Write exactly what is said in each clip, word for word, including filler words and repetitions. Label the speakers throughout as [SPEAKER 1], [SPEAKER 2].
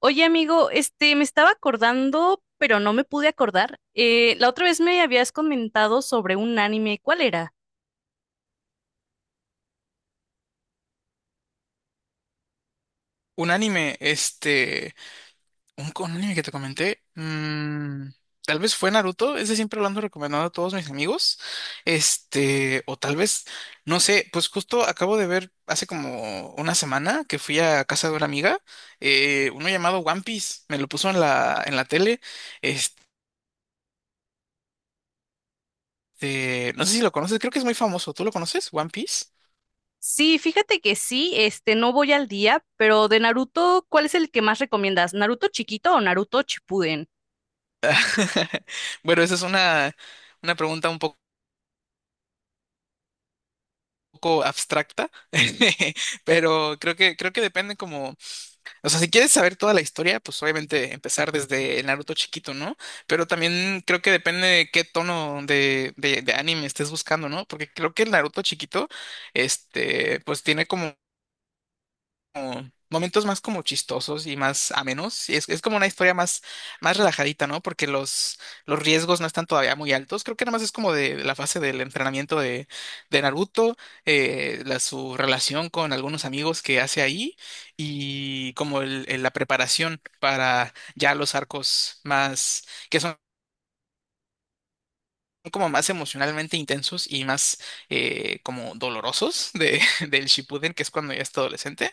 [SPEAKER 1] Oye, amigo, este, me estaba acordando, pero no me pude acordar. Eh, la otra vez me habías comentado sobre un anime, ¿cuál era?
[SPEAKER 2] Un anime, este, un, un anime que te comenté, mm, tal vez fue Naruto, ese siempre lo ando recomendando a todos mis amigos, este, o tal vez, no sé, pues justo acabo de ver hace como una semana que fui a casa de una amiga, eh, uno llamado One Piece, me lo puso en la, en la tele, este, no sé si lo conoces, creo que es muy famoso, ¿tú lo conoces, One Piece?
[SPEAKER 1] Sí, fíjate que sí, este, no voy al día, pero de Naruto, ¿cuál es el que más recomiendas? ¿Naruto chiquito o Naruto Shippuden?
[SPEAKER 2] Bueno, esa es una, una pregunta un poco poco abstracta, pero creo que creo que depende como, o sea, si quieres saber toda la historia, pues obviamente empezar desde el Naruto chiquito, ¿no? Pero también creo que depende de qué tono de, de, de anime estés buscando, ¿no? Porque creo que el Naruto chiquito, este, pues tiene como como momentos más como chistosos y más amenos. Y es, es como una historia más, más relajadita, ¿no? Porque los, los riesgos no están todavía muy altos. Creo que nada más es como de la fase del entrenamiento de, de Naruto, eh, la, su relación con algunos amigos que hace ahí y como el- el- la preparación para ya los arcos más, que son como más emocionalmente intensos y más eh, como dolorosos de, del Shippuden, que es cuando ya es adolescente.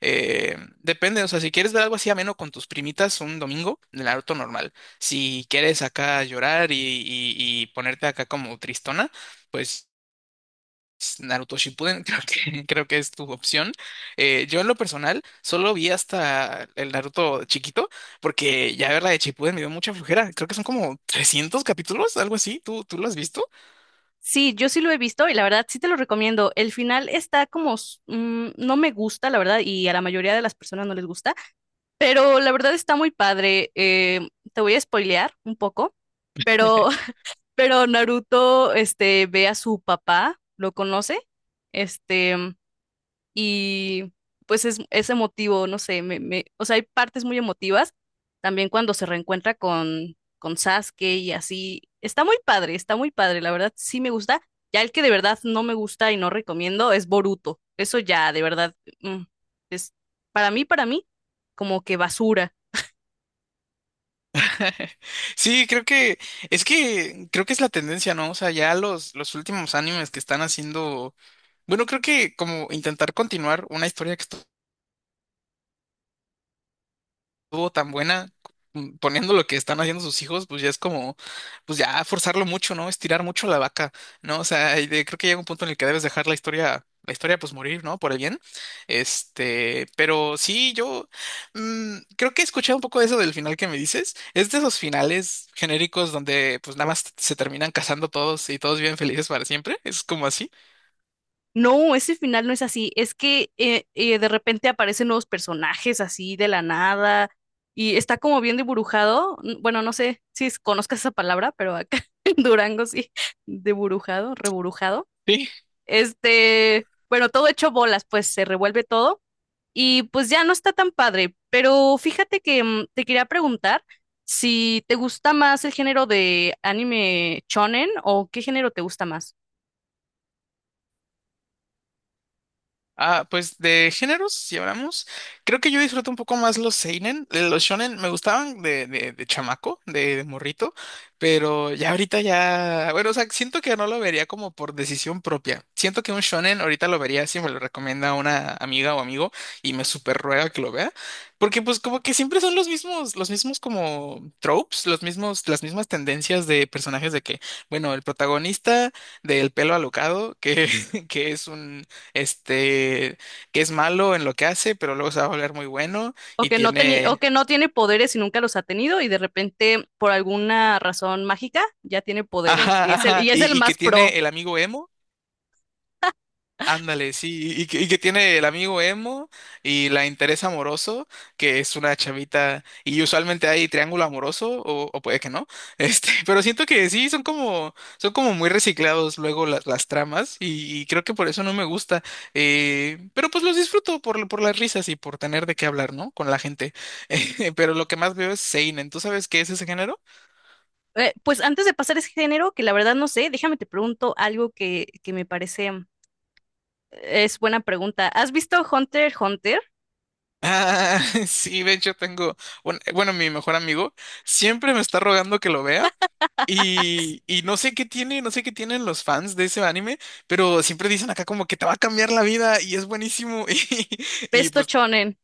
[SPEAKER 2] Eh, depende, o sea, si quieres ver algo así ameno con tus primitas un domingo, Naruto normal. Si quieres acá llorar y, y- y ponerte acá como tristona, pues Naruto Shippuden creo que, creo que es tu opción. Eh, yo en lo personal solo vi hasta el Naruto chiquito, porque ya ver la de Shippuden me dio mucha flojera. Creo que son como trescientos capítulos, algo así. ¿Tú, tú lo has visto?
[SPEAKER 1] Sí, yo sí lo he visto y la verdad sí te lo recomiendo. El final está como, s- mm, no me gusta, la verdad, y a la mayoría de las personas no les gusta, pero la verdad está muy padre. Eh, te voy a spoilear un poco. Pero Pero Naruto, este, ve a su papá, lo conoce, este, y pues es, es emotivo, no sé, me, me- o sea, hay partes muy emotivas, también cuando se reencuentra con, con Sasuke y así, está muy padre, está muy padre, la verdad sí me gusta, ya el que de verdad no me gusta y no recomiendo es Boruto, eso ya, de verdad, mm, es para mí, para mí, como que basura.
[SPEAKER 2] Sí, creo que es que creo que es la tendencia, ¿no? O sea, ya los, los últimos animes que están haciendo. Bueno, creo que como intentar continuar una historia que estuvo tan buena, mm, poniendo lo que están haciendo sus hijos, pues ya es como, pues ya forzarlo mucho, ¿no? Estirar mucho la vaca, ¿no? O sea, y de- creo que llega un punto en el que debes dejar la historia, la historia pues morir, ¿no? Por el bien. Este, pero sí, yo mm, creo que he escuchado un poco de eso del final que me dices. Es de esos finales genéricos donde pues nada más se terminan casando todos y todos viven felices para siempre. Es como así.
[SPEAKER 1] No, ese final no es así. Es que eh, eh, de repente aparecen nuevos personajes así de la nada y está como bien deburujado. N- Bueno, no sé si es- conozcas esa palabra, pero acá en Durango sí, deburujado, reburujado.
[SPEAKER 2] Sí.
[SPEAKER 1] Este, bueno, todo hecho bolas, pues se revuelve todo y pues ya no está tan padre. Pero fíjate que mm, te quería preguntar si te gusta más el género de anime shonen o qué género te gusta más.
[SPEAKER 2] Ah, pues de géneros, si hablamos, creo que yo disfruto un poco más los seinen, eh, los shonen me gustaban de, de, de chamaco, de, de morrito, pero ya ahorita ya, bueno, o sea, siento que no lo vería como por decisión propia. Siento que un shonen ahorita lo vería si me lo recomienda una amiga o amigo y me super ruega que lo vea, porque pues como que siempre son los mismos, los mismos como tropes, los mismos, las mismas tendencias de personajes de que, bueno, el protagonista del pelo alocado, que, que es un este, que es malo en lo que hace, pero luego se va a volver muy bueno
[SPEAKER 1] O
[SPEAKER 2] y
[SPEAKER 1] que no tenía, o
[SPEAKER 2] tiene,
[SPEAKER 1] que no tiene poderes y nunca los ha tenido, y de repente, por alguna razón mágica, ya tiene poderes. Y
[SPEAKER 2] ajá,
[SPEAKER 1] es el,
[SPEAKER 2] ajá,
[SPEAKER 1] y es el
[SPEAKER 2] y, y que
[SPEAKER 1] más pro.
[SPEAKER 2] tiene el amigo emo. Ándale, sí, y, que y que tiene el amigo emo y la interés amoroso, que es una chavita, y usualmente hay triángulo amoroso, o, o puede que no, este, pero siento que sí, son como, son como muy reciclados luego las, las tramas, y, y creo que por eso no me gusta, eh, pero pues los disfruto por, por las risas y por tener de qué hablar, ¿no? Con la gente, eh, pero lo que más veo es Seinen, ¿tú sabes qué es ese género?
[SPEAKER 1] Eh, pues antes de pasar ese género, que la verdad no sé, déjame te pregunto algo que, que me parece es buena pregunta. ¿Has visto Hunter x Hunter?
[SPEAKER 2] Ah, sí, de hecho tengo, un- bueno, mi mejor amigo siempre me está rogando que lo vea. Y, y no sé qué tiene, no sé qué tienen los fans de ese anime, pero siempre dicen acá como que te va a cambiar la vida y es buenísimo. Y, y
[SPEAKER 1] Besto
[SPEAKER 2] pues,
[SPEAKER 1] Shonen,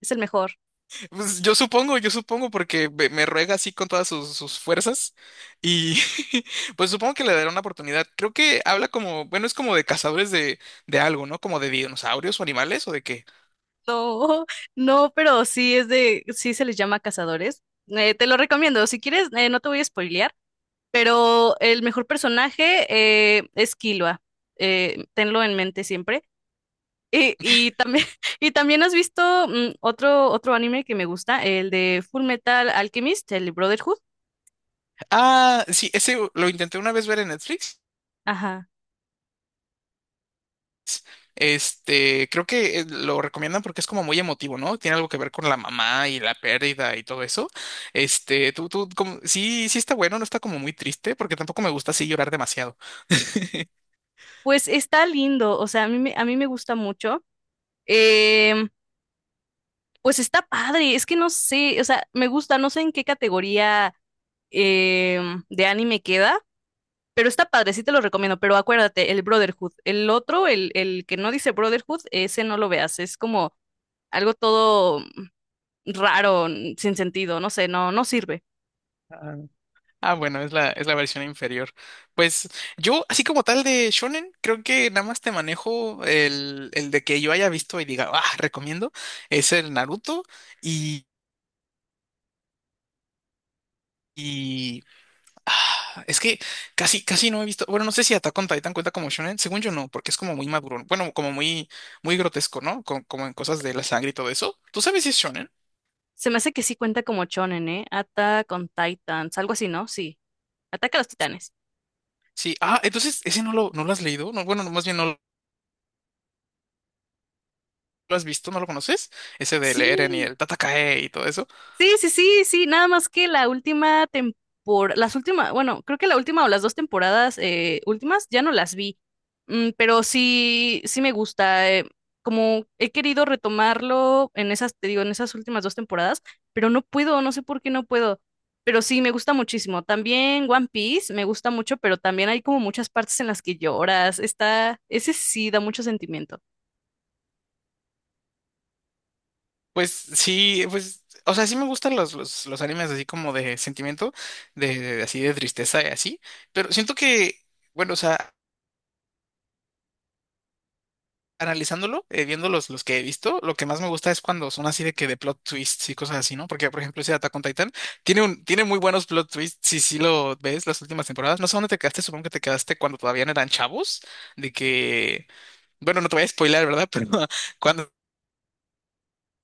[SPEAKER 1] es el mejor.
[SPEAKER 2] pues yo supongo, yo supongo porque me, me ruega así con todas sus, sus fuerzas. Y pues supongo que le daré una oportunidad. Creo que habla como, bueno, es como de cazadores de, de algo, ¿no? Como de dinosaurios o animales o de qué.
[SPEAKER 1] No, no, pero sí es de, sí se les llama cazadores. Eh, te lo recomiendo. Si quieres, eh, no te voy a spoilear, pero el mejor personaje eh, es Killua. Eh, tenlo en mente siempre. Y, y también, y también has visto mm, otro, otro anime que me gusta, el de Full Metal Alchemist, el Brotherhood.
[SPEAKER 2] Ah, sí, ese lo intenté una vez ver en Netflix.
[SPEAKER 1] Ajá.
[SPEAKER 2] Este, creo que eh, lo recomiendan porque es como muy emotivo, ¿no? Tiene algo que ver con la mamá y la pérdida y todo eso. Este, tú, tú, como, sí, sí está bueno, no está como muy triste, porque tampoco me gusta así llorar demasiado.
[SPEAKER 1] Pues está lindo, o sea, a mí me, a mí me gusta mucho. Em, pues está padre, es que no sé, o sea, me gusta, no sé en qué categoría em, de anime queda, pero está padre, sí te lo recomiendo, pero acuérdate, el Brotherhood, el otro, el, el que no dice Brotherhood, ese no lo veas, es como algo todo raro, n- sin sentido, no sé, no, no sirve.
[SPEAKER 2] Ah, ah, bueno, es la, es la versión inferior. Pues yo, así como tal de Shonen, creo que nada más te manejo el, el de que yo haya visto y diga, ah, recomiendo, es el Naruto y, Ah, Es que casi, casi no he visto. Bueno, no sé si Attack on Titan cuenta como shonen. Según yo no, porque es como muy maduro. Bueno, como muy, muy grotesco, ¿no? Co- como en cosas de la sangre y todo eso. ¿Tú sabes si es shonen?
[SPEAKER 1] Se me hace que sí cuenta como shonen, ¿eh? Attack on Titans, algo así, ¿no? Sí, Ataca a los Titanes.
[SPEAKER 2] Sí. Ah, entonces ese no lo, no lo has leído. No, bueno, más bien no lo has visto, no lo conoces. Ese del Eren y
[SPEAKER 1] Sí,
[SPEAKER 2] el Tatakae y todo eso.
[SPEAKER 1] sí, sí, sí, sí, nada más que la última temporada, las últimas, bueno, creo que la última o las dos temporadas eh, últimas ya no las vi. Mm, pero sí, sí me gusta, eh, como he querido retomarlo en esas, te digo, en esas últimas dos temporadas, pero no puedo, no sé por qué no puedo. Pero sí, me gusta muchísimo. También One Piece me gusta mucho, pero también hay como muchas partes en las que lloras. Está, ese sí da mucho sentimiento.
[SPEAKER 2] Pues sí, pues. O sea, sí me gustan los, los, los animes así como de sentimiento, de, de- así de tristeza y así. Pero siento que, bueno, o sea, analizándolo, eh, viendo los, los que he visto, lo que más me gusta es cuando son así de que de plot twists y cosas así, ¿no? Porque, por ejemplo, ese de Attack on Titan tiene, un, tiene muy buenos plot twists, si sí lo ves las últimas temporadas. No sé dónde te quedaste, supongo que te quedaste cuando todavía no eran chavos, de que, bueno, no te voy a spoiler, ¿verdad? Pero cuando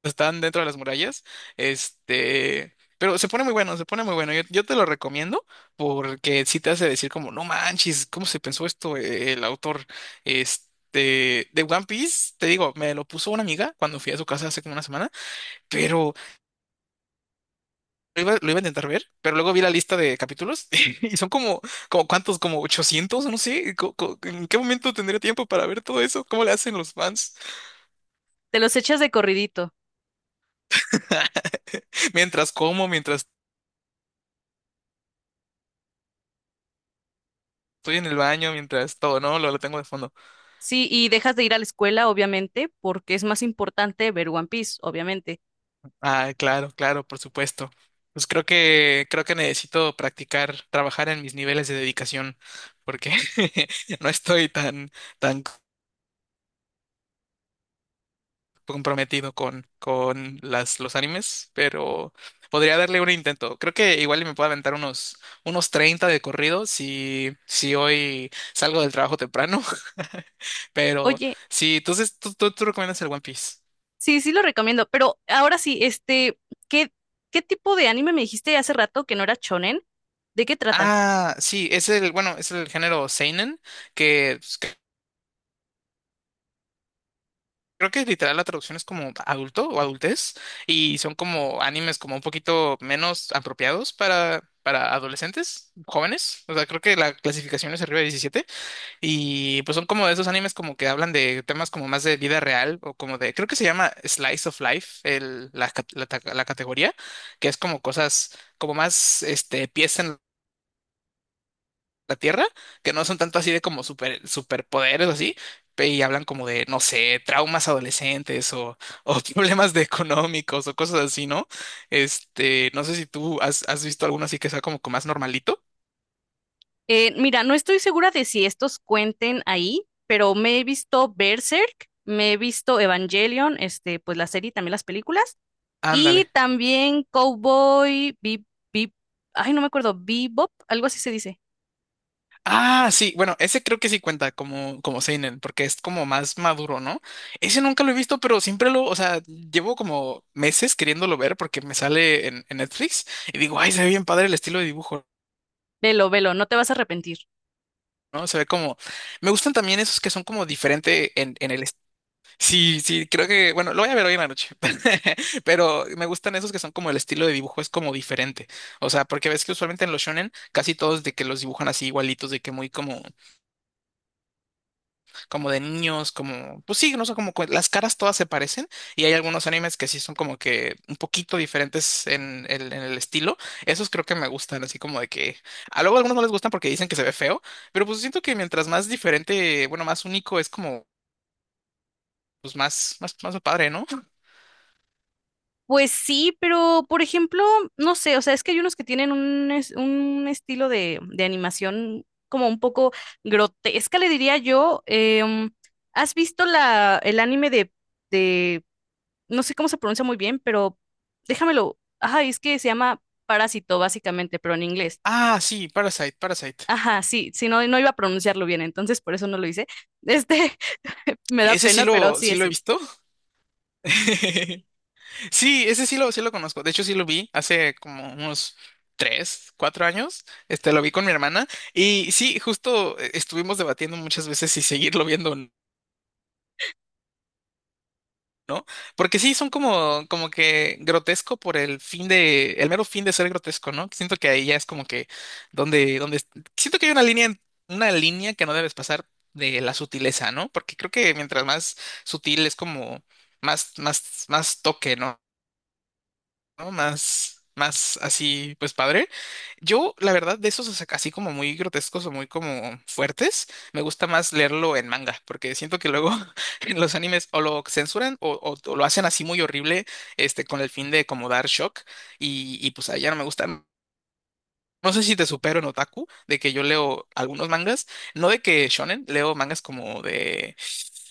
[SPEAKER 2] están dentro de las murallas. Este, pero se pone muy bueno, se pone muy bueno. Yo, yo te lo recomiendo porque sí te hace decir como, no manches, ¿cómo se pensó esto eh, el autor? Este, de One Piece, te digo, me lo puso una amiga cuando fui a su casa hace como una semana, pero lo iba, lo iba a intentar ver, pero luego vi la lista de capítulos y son como, como ¿cuántos? Como ochocientos no sé, co- co- ¿en qué momento tendría tiempo para ver todo eso? ¿Cómo le hacen los fans?
[SPEAKER 1] Te los echas de corridito.
[SPEAKER 2] Mientras como, mientras estoy en el baño, mientras todo, ¿no? Lo, lo tengo de fondo.
[SPEAKER 1] Sí, y dejas de ir a la escuela, obviamente, porque es más importante ver One Piece, obviamente.
[SPEAKER 2] Ah, claro, claro, por supuesto. Pues creo que creo que necesito practicar, trabajar en mis niveles de dedicación, porque no estoy tan tan comprometido con con las los animes, pero podría darle un intento. Creo que igual y me puedo aventar unos unos treinta de corrido si si hoy salgo del trabajo temprano. Pero
[SPEAKER 1] Oye,
[SPEAKER 2] sí, entonces tú tú, tú recomiendas el One Piece.
[SPEAKER 1] sí, sí lo recomiendo, pero ahora sí, este, ¿qué, qué tipo de anime me dijiste hace rato que no era shonen? ¿De qué trata?
[SPEAKER 2] Ah, sí, es el, bueno, es el género seinen, que pues, creo que literal la traducción es como adulto o adultez y son como animes como un poquito menos apropiados para, para adolescentes, jóvenes. O sea, creo que la clasificación es arriba de diecisiete y pues son como de esos animes como que hablan de temas como más de vida real o como de, creo que se llama Slice of Life, el, la, ca- la ta- la categoría, que es como cosas como más este, pies en la Tierra, que no son tanto así de como super, superpoderes o así, pe- y hablan como de, no sé, traumas adolescentes o, o problemas de económicos o cosas así, ¿no? Este, no sé si tú has, has visto alguno así que sea como que más normalito.
[SPEAKER 1] Eh, mira, no estoy segura de si estos cuenten ahí, pero me he visto Berserk, me he visto Evangelion, este, pues la serie y también las películas, y
[SPEAKER 2] Ándale.
[SPEAKER 1] también Cowboy Bebop, ay, no me acuerdo, Bebop, algo así se dice.
[SPEAKER 2] Ah, sí, bueno, ese creo que sí cuenta como, como seinen, porque es como más maduro, ¿no? Ese nunca lo he visto, pero siempre lo, o sea, llevo como meses queriéndolo ver porque me sale en, en Netflix y digo, ay, se ve bien padre el estilo de dibujo,
[SPEAKER 1] Velo, velo, no te vas a arrepentir.
[SPEAKER 2] ¿no? Se ve como, me gustan también esos que son como diferente en, en el, est- sí, sí, creo que, bueno, lo voy a ver hoy en la noche, pero me gustan esos que son como el estilo de dibujo es como diferente, o sea, porque ves que usualmente en los shonen casi todos de que los dibujan así igualitos, de que muy como como de niños, como, pues sí, no sé, como que las caras todas se parecen y hay algunos animes que sí son como que un poquito diferentes en el, en el estilo. Esos creo que me gustan, así como de que a luego a algunos no les gustan porque dicen que se ve feo, pero pues siento que mientras más diferente, bueno, más único es como, pues más, más, más padre, ¿no?
[SPEAKER 1] Pues sí, pero por ejemplo, no sé, o sea, es que hay unos que tienen un, es- un estilo de, de animación como un poco grotesca, le diría yo. Em, ¿has visto la, el anime de, de, no sé cómo se pronuncia muy bien, pero déjamelo. Ajá, es que se llama Parásito, básicamente, pero en inglés?
[SPEAKER 2] Ah, sí, Parasite, Parasite.
[SPEAKER 1] Ajá, sí, sí, no, no iba a pronunciarlo bien, entonces por eso no lo hice. Este, me da
[SPEAKER 2] Ese sí
[SPEAKER 1] pena, pero
[SPEAKER 2] lo,
[SPEAKER 1] sí,
[SPEAKER 2] sí lo he
[SPEAKER 1] ese.
[SPEAKER 2] visto. Sí, ese sí lo, sí lo conozco. De hecho, sí lo vi hace como unos tres, cuatro años. Este, lo vi con mi hermana. Y sí, justo eh, estuvimos debatiendo muchas veces si seguirlo viendo o no. Porque sí, son como, como que grotesco por el fin de, el mero fin de ser grotesco, ¿no? Siento que ahí ya es como que donde, donde, siento que hay una línea, en- una línea que no debes pasar de la sutileza, ¿no? Porque creo que mientras más sutil es como más, más, más toque, ¿no? ¿no? Más, más así, pues padre. Yo, la verdad, de esos o sea, así como muy grotescos o muy como fuertes, me gusta más leerlo en manga, porque siento que luego en los animes o lo censuran o, o- o lo hacen así muy horrible, este, con el fin de como dar shock, y, y pues ahí ya no me gusta. No sé si te supero en otaku, de que yo leo algunos mangas, no de que shonen, leo mangas como de,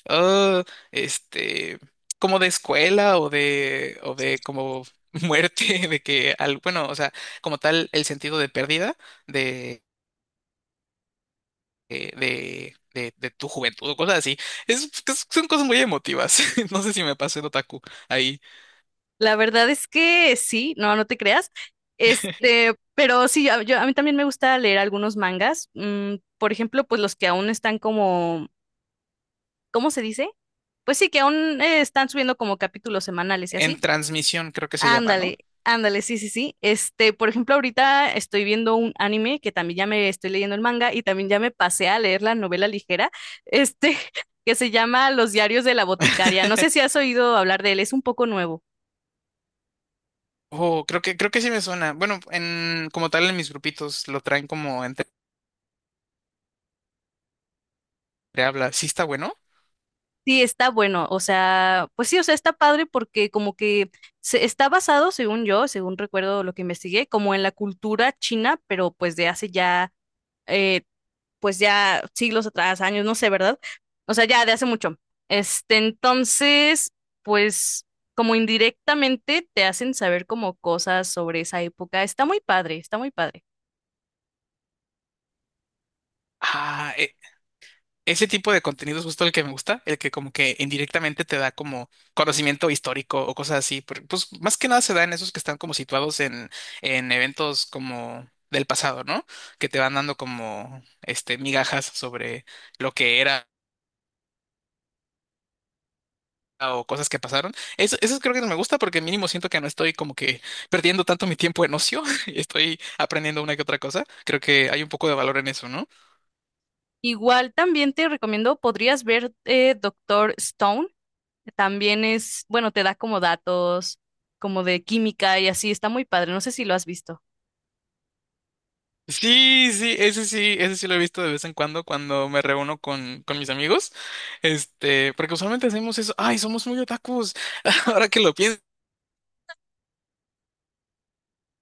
[SPEAKER 2] ah, este, como de escuela o de, o de como muerte, de que, al, bueno, o sea, como tal, el sentido de pérdida de, de, de, de- de tu juventud o cosas así. Es, es- son cosas muy emotivas. No sé si me pasé, en otaku ahí.
[SPEAKER 1] La verdad es que sí, no, no te creas. Este, pero sí, a- yo, a mí también me gusta leer algunos mangas. mm, por ejemplo, pues los que aún están como, ¿cómo se dice? Pues sí, que aún eh, están subiendo como capítulos semanales y
[SPEAKER 2] En
[SPEAKER 1] así.
[SPEAKER 2] transmisión creo que se llama, ¿no?
[SPEAKER 1] Ándale, ándale, sí, sí, sí. Este, por ejemplo, ahorita estoy viendo un anime que también ya me estoy leyendo el manga y también ya me pasé a leer la novela ligera, este, que se llama Los diarios de la boticaria. No sé si has oído hablar de él, es un poco nuevo.
[SPEAKER 2] Oh, creo que, creo que sí me suena. Bueno, en, como tal en mis grupitos lo traen como entre habla. ¿Sí está bueno?
[SPEAKER 1] Sí, está bueno, o sea, pues sí, o sea, está padre porque como que se está basado, según yo, según recuerdo lo que investigué, como en la cultura china, pero pues de hace ya, eh, pues ya siglos atrás, años, no sé, ¿verdad? O sea, ya de hace mucho. Este, entonces, pues como indirectamente te hacen saber como cosas sobre esa época. Está muy padre, está muy padre.
[SPEAKER 2] Ah, e- ese tipo de contenido es justo el que me gusta, el que como que indirectamente te da como conocimiento histórico o cosas así. por- Pues más que nada se da en esos que están como situados en, en eventos como del pasado, ¿no? Que te van dando como este migajas sobre lo que era o cosas que pasaron. Eso, eso creo que no me gusta porque mínimo siento que no estoy como que perdiendo tanto mi tiempo en ocio y estoy aprendiendo una que otra cosa. Creo que hay un poco de valor en eso, ¿no?
[SPEAKER 1] Igual también te recomiendo, podrías ver eh, Doctor Stone. También es, bueno, te da como datos, como de química y así, está muy padre. No sé si lo has visto.
[SPEAKER 2] Sí, sí, ese sí, ese sí lo he visto de vez en cuando cuando me reúno con, con mis amigos. Este, porque usualmente hacemos eso. Ay, somos muy otakus. Ahora que lo pienso.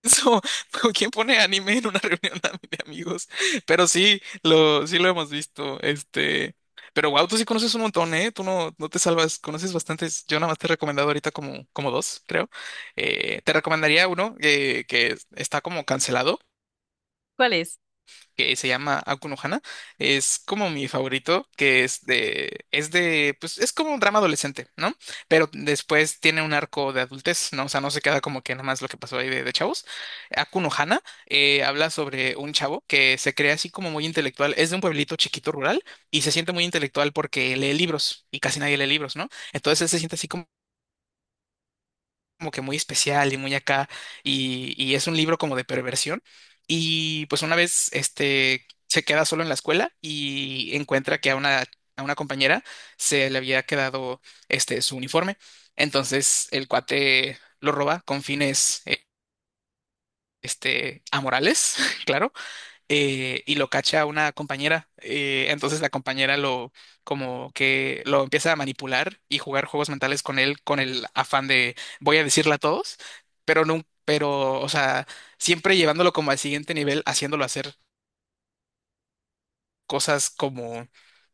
[SPEAKER 2] Eso, pero ¿quién pone anime en una reunión de de amigos? Pero sí, lo, sí lo hemos visto. Este, pero wow, tú sí conoces un montón, ¿eh? Tú no, no te salvas, conoces bastantes. Yo nada más te he recomendado ahorita como, como dos, creo. Eh, te recomendaría uno eh, que está como cancelado,
[SPEAKER 1] ¿Cuál es?
[SPEAKER 2] que se llama Akunohana, es como mi favorito, que es de, es de, pues es como un drama adolescente, ¿no? Pero después tiene un arco de adultez, ¿no? O sea, no se queda como que nada más lo que pasó ahí de, de chavos. Akunohana habla sobre un chavo que se cree así como muy intelectual, es de un pueblito chiquito rural y se siente muy intelectual porque lee libros y casi nadie lee libros, ¿no? Entonces él se siente así como como que muy especial y muy acá, y, y es un libro como de perversión. Y pues una vez este se queda solo en la escuela y encuentra que a una, a una compañera se le había quedado este su uniforme. Entonces el cuate lo roba con fines eh, este amorales, claro, eh, y lo cacha una compañera. Eh, entonces la compañera lo como que lo empieza a manipular y jugar juegos mentales con él con el afán de voy a decirle a todos, pero no, pero, o sea, siempre llevándolo como al siguiente nivel, haciéndolo hacer cosas como,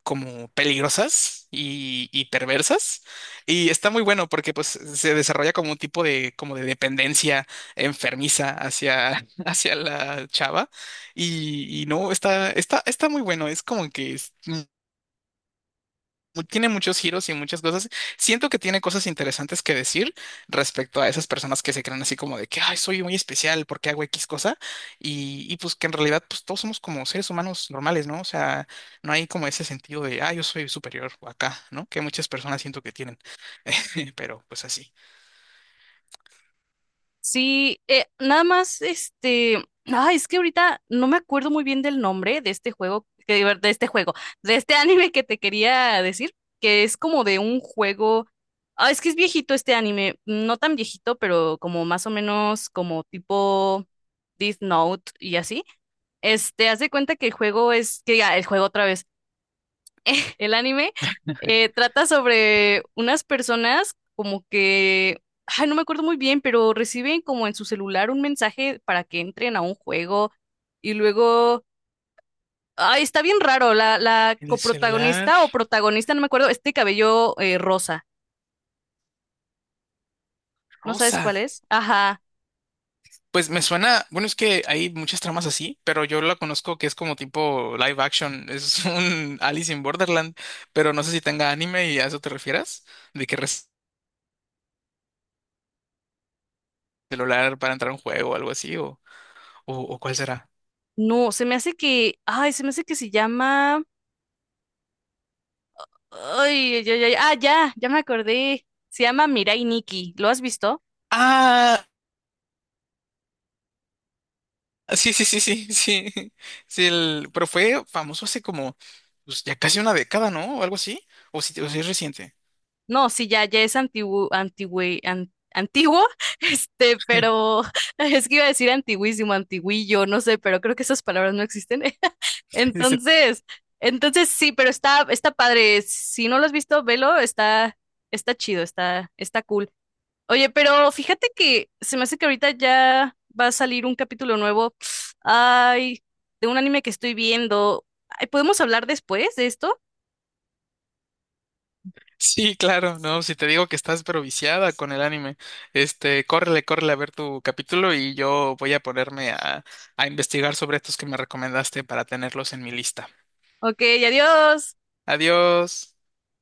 [SPEAKER 2] como peligrosas y, y perversas. Y está muy bueno porque pues se desarrolla como un tipo de, como de dependencia enfermiza hacia, hacia la chava. Y, y no, está, está, está muy bueno. Es como que es mu- tiene muchos giros y muchas cosas. Siento que tiene cosas interesantes que decir respecto a esas personas que se creen así como de que, ay, soy muy especial porque hago X cosa. Y, y pues que en realidad pues todos somos como seres humanos normales, ¿no? O sea, no hay como ese sentido de, ah, yo soy superior o acá, ¿no? Que muchas personas siento que tienen. Pero pues así.
[SPEAKER 1] Sí, eh, nada más, este, ah, es que ahorita no me acuerdo muy bien del nombre de este juego, que- de este juego, de este anime que te quería decir, que es como de un juego, ah, es que es viejito este anime, no tan viejito, pero como más o menos como tipo Death Note y así. Este, haz de cuenta que el juego es, que ah, el juego otra vez. El anime eh, trata sobre unas personas como que, ay, no me acuerdo muy bien, pero reciben como en su celular un mensaje para que entren a un juego y luego, ay, está bien raro, la, la
[SPEAKER 2] El celular
[SPEAKER 1] coprotagonista o protagonista, no me acuerdo, este cabello eh, rosa, ¿no sabes
[SPEAKER 2] rosa.
[SPEAKER 1] cuál es? Ajá,
[SPEAKER 2] Pues me suena, bueno, es que hay muchas tramas así, pero yo la conozco que es como tipo live action, es un Alice in Borderland, pero no sé si tenga anime y a eso te refieras, de que res- celular para entrar a un juego o algo así, o, o, o cuál será.
[SPEAKER 1] no, se me hace que, ay, se me hace que se llama, ay, ay, ay, ay, ah, ya, ya me acordé, se llama Mirai Nikki, ¿lo has visto?
[SPEAKER 2] Ah, sí, sí, sí, sí, sí, sí, el, pero fue famoso hace como, pues ya casi una década, ¿no? O algo así, o si, o si es reciente.
[SPEAKER 1] No, sí, ya, ya es antiguo, antigüe- an- antiguo, este, pero es que iba a decir antiguísimo, antiguillo, no sé, pero creo que esas palabras no existen.
[SPEAKER 2] Sí,
[SPEAKER 1] Entonces, entonces sí, pero está, está padre. Si no lo has visto, velo, está, está chido, está, está cool. Oye, pero fíjate que se me hace que ahorita ya va a salir un capítulo nuevo. Ay, de un anime que estoy viendo. Ay, ¿podemos hablar después de esto?
[SPEAKER 2] sí, claro, no, si te digo que estás pero viciada con el anime, este, córrele, córrele a ver tu capítulo y yo voy a ponerme a, a investigar sobre estos que me recomendaste para tenerlos en mi lista.
[SPEAKER 1] Ok, adiós.
[SPEAKER 2] Adiós.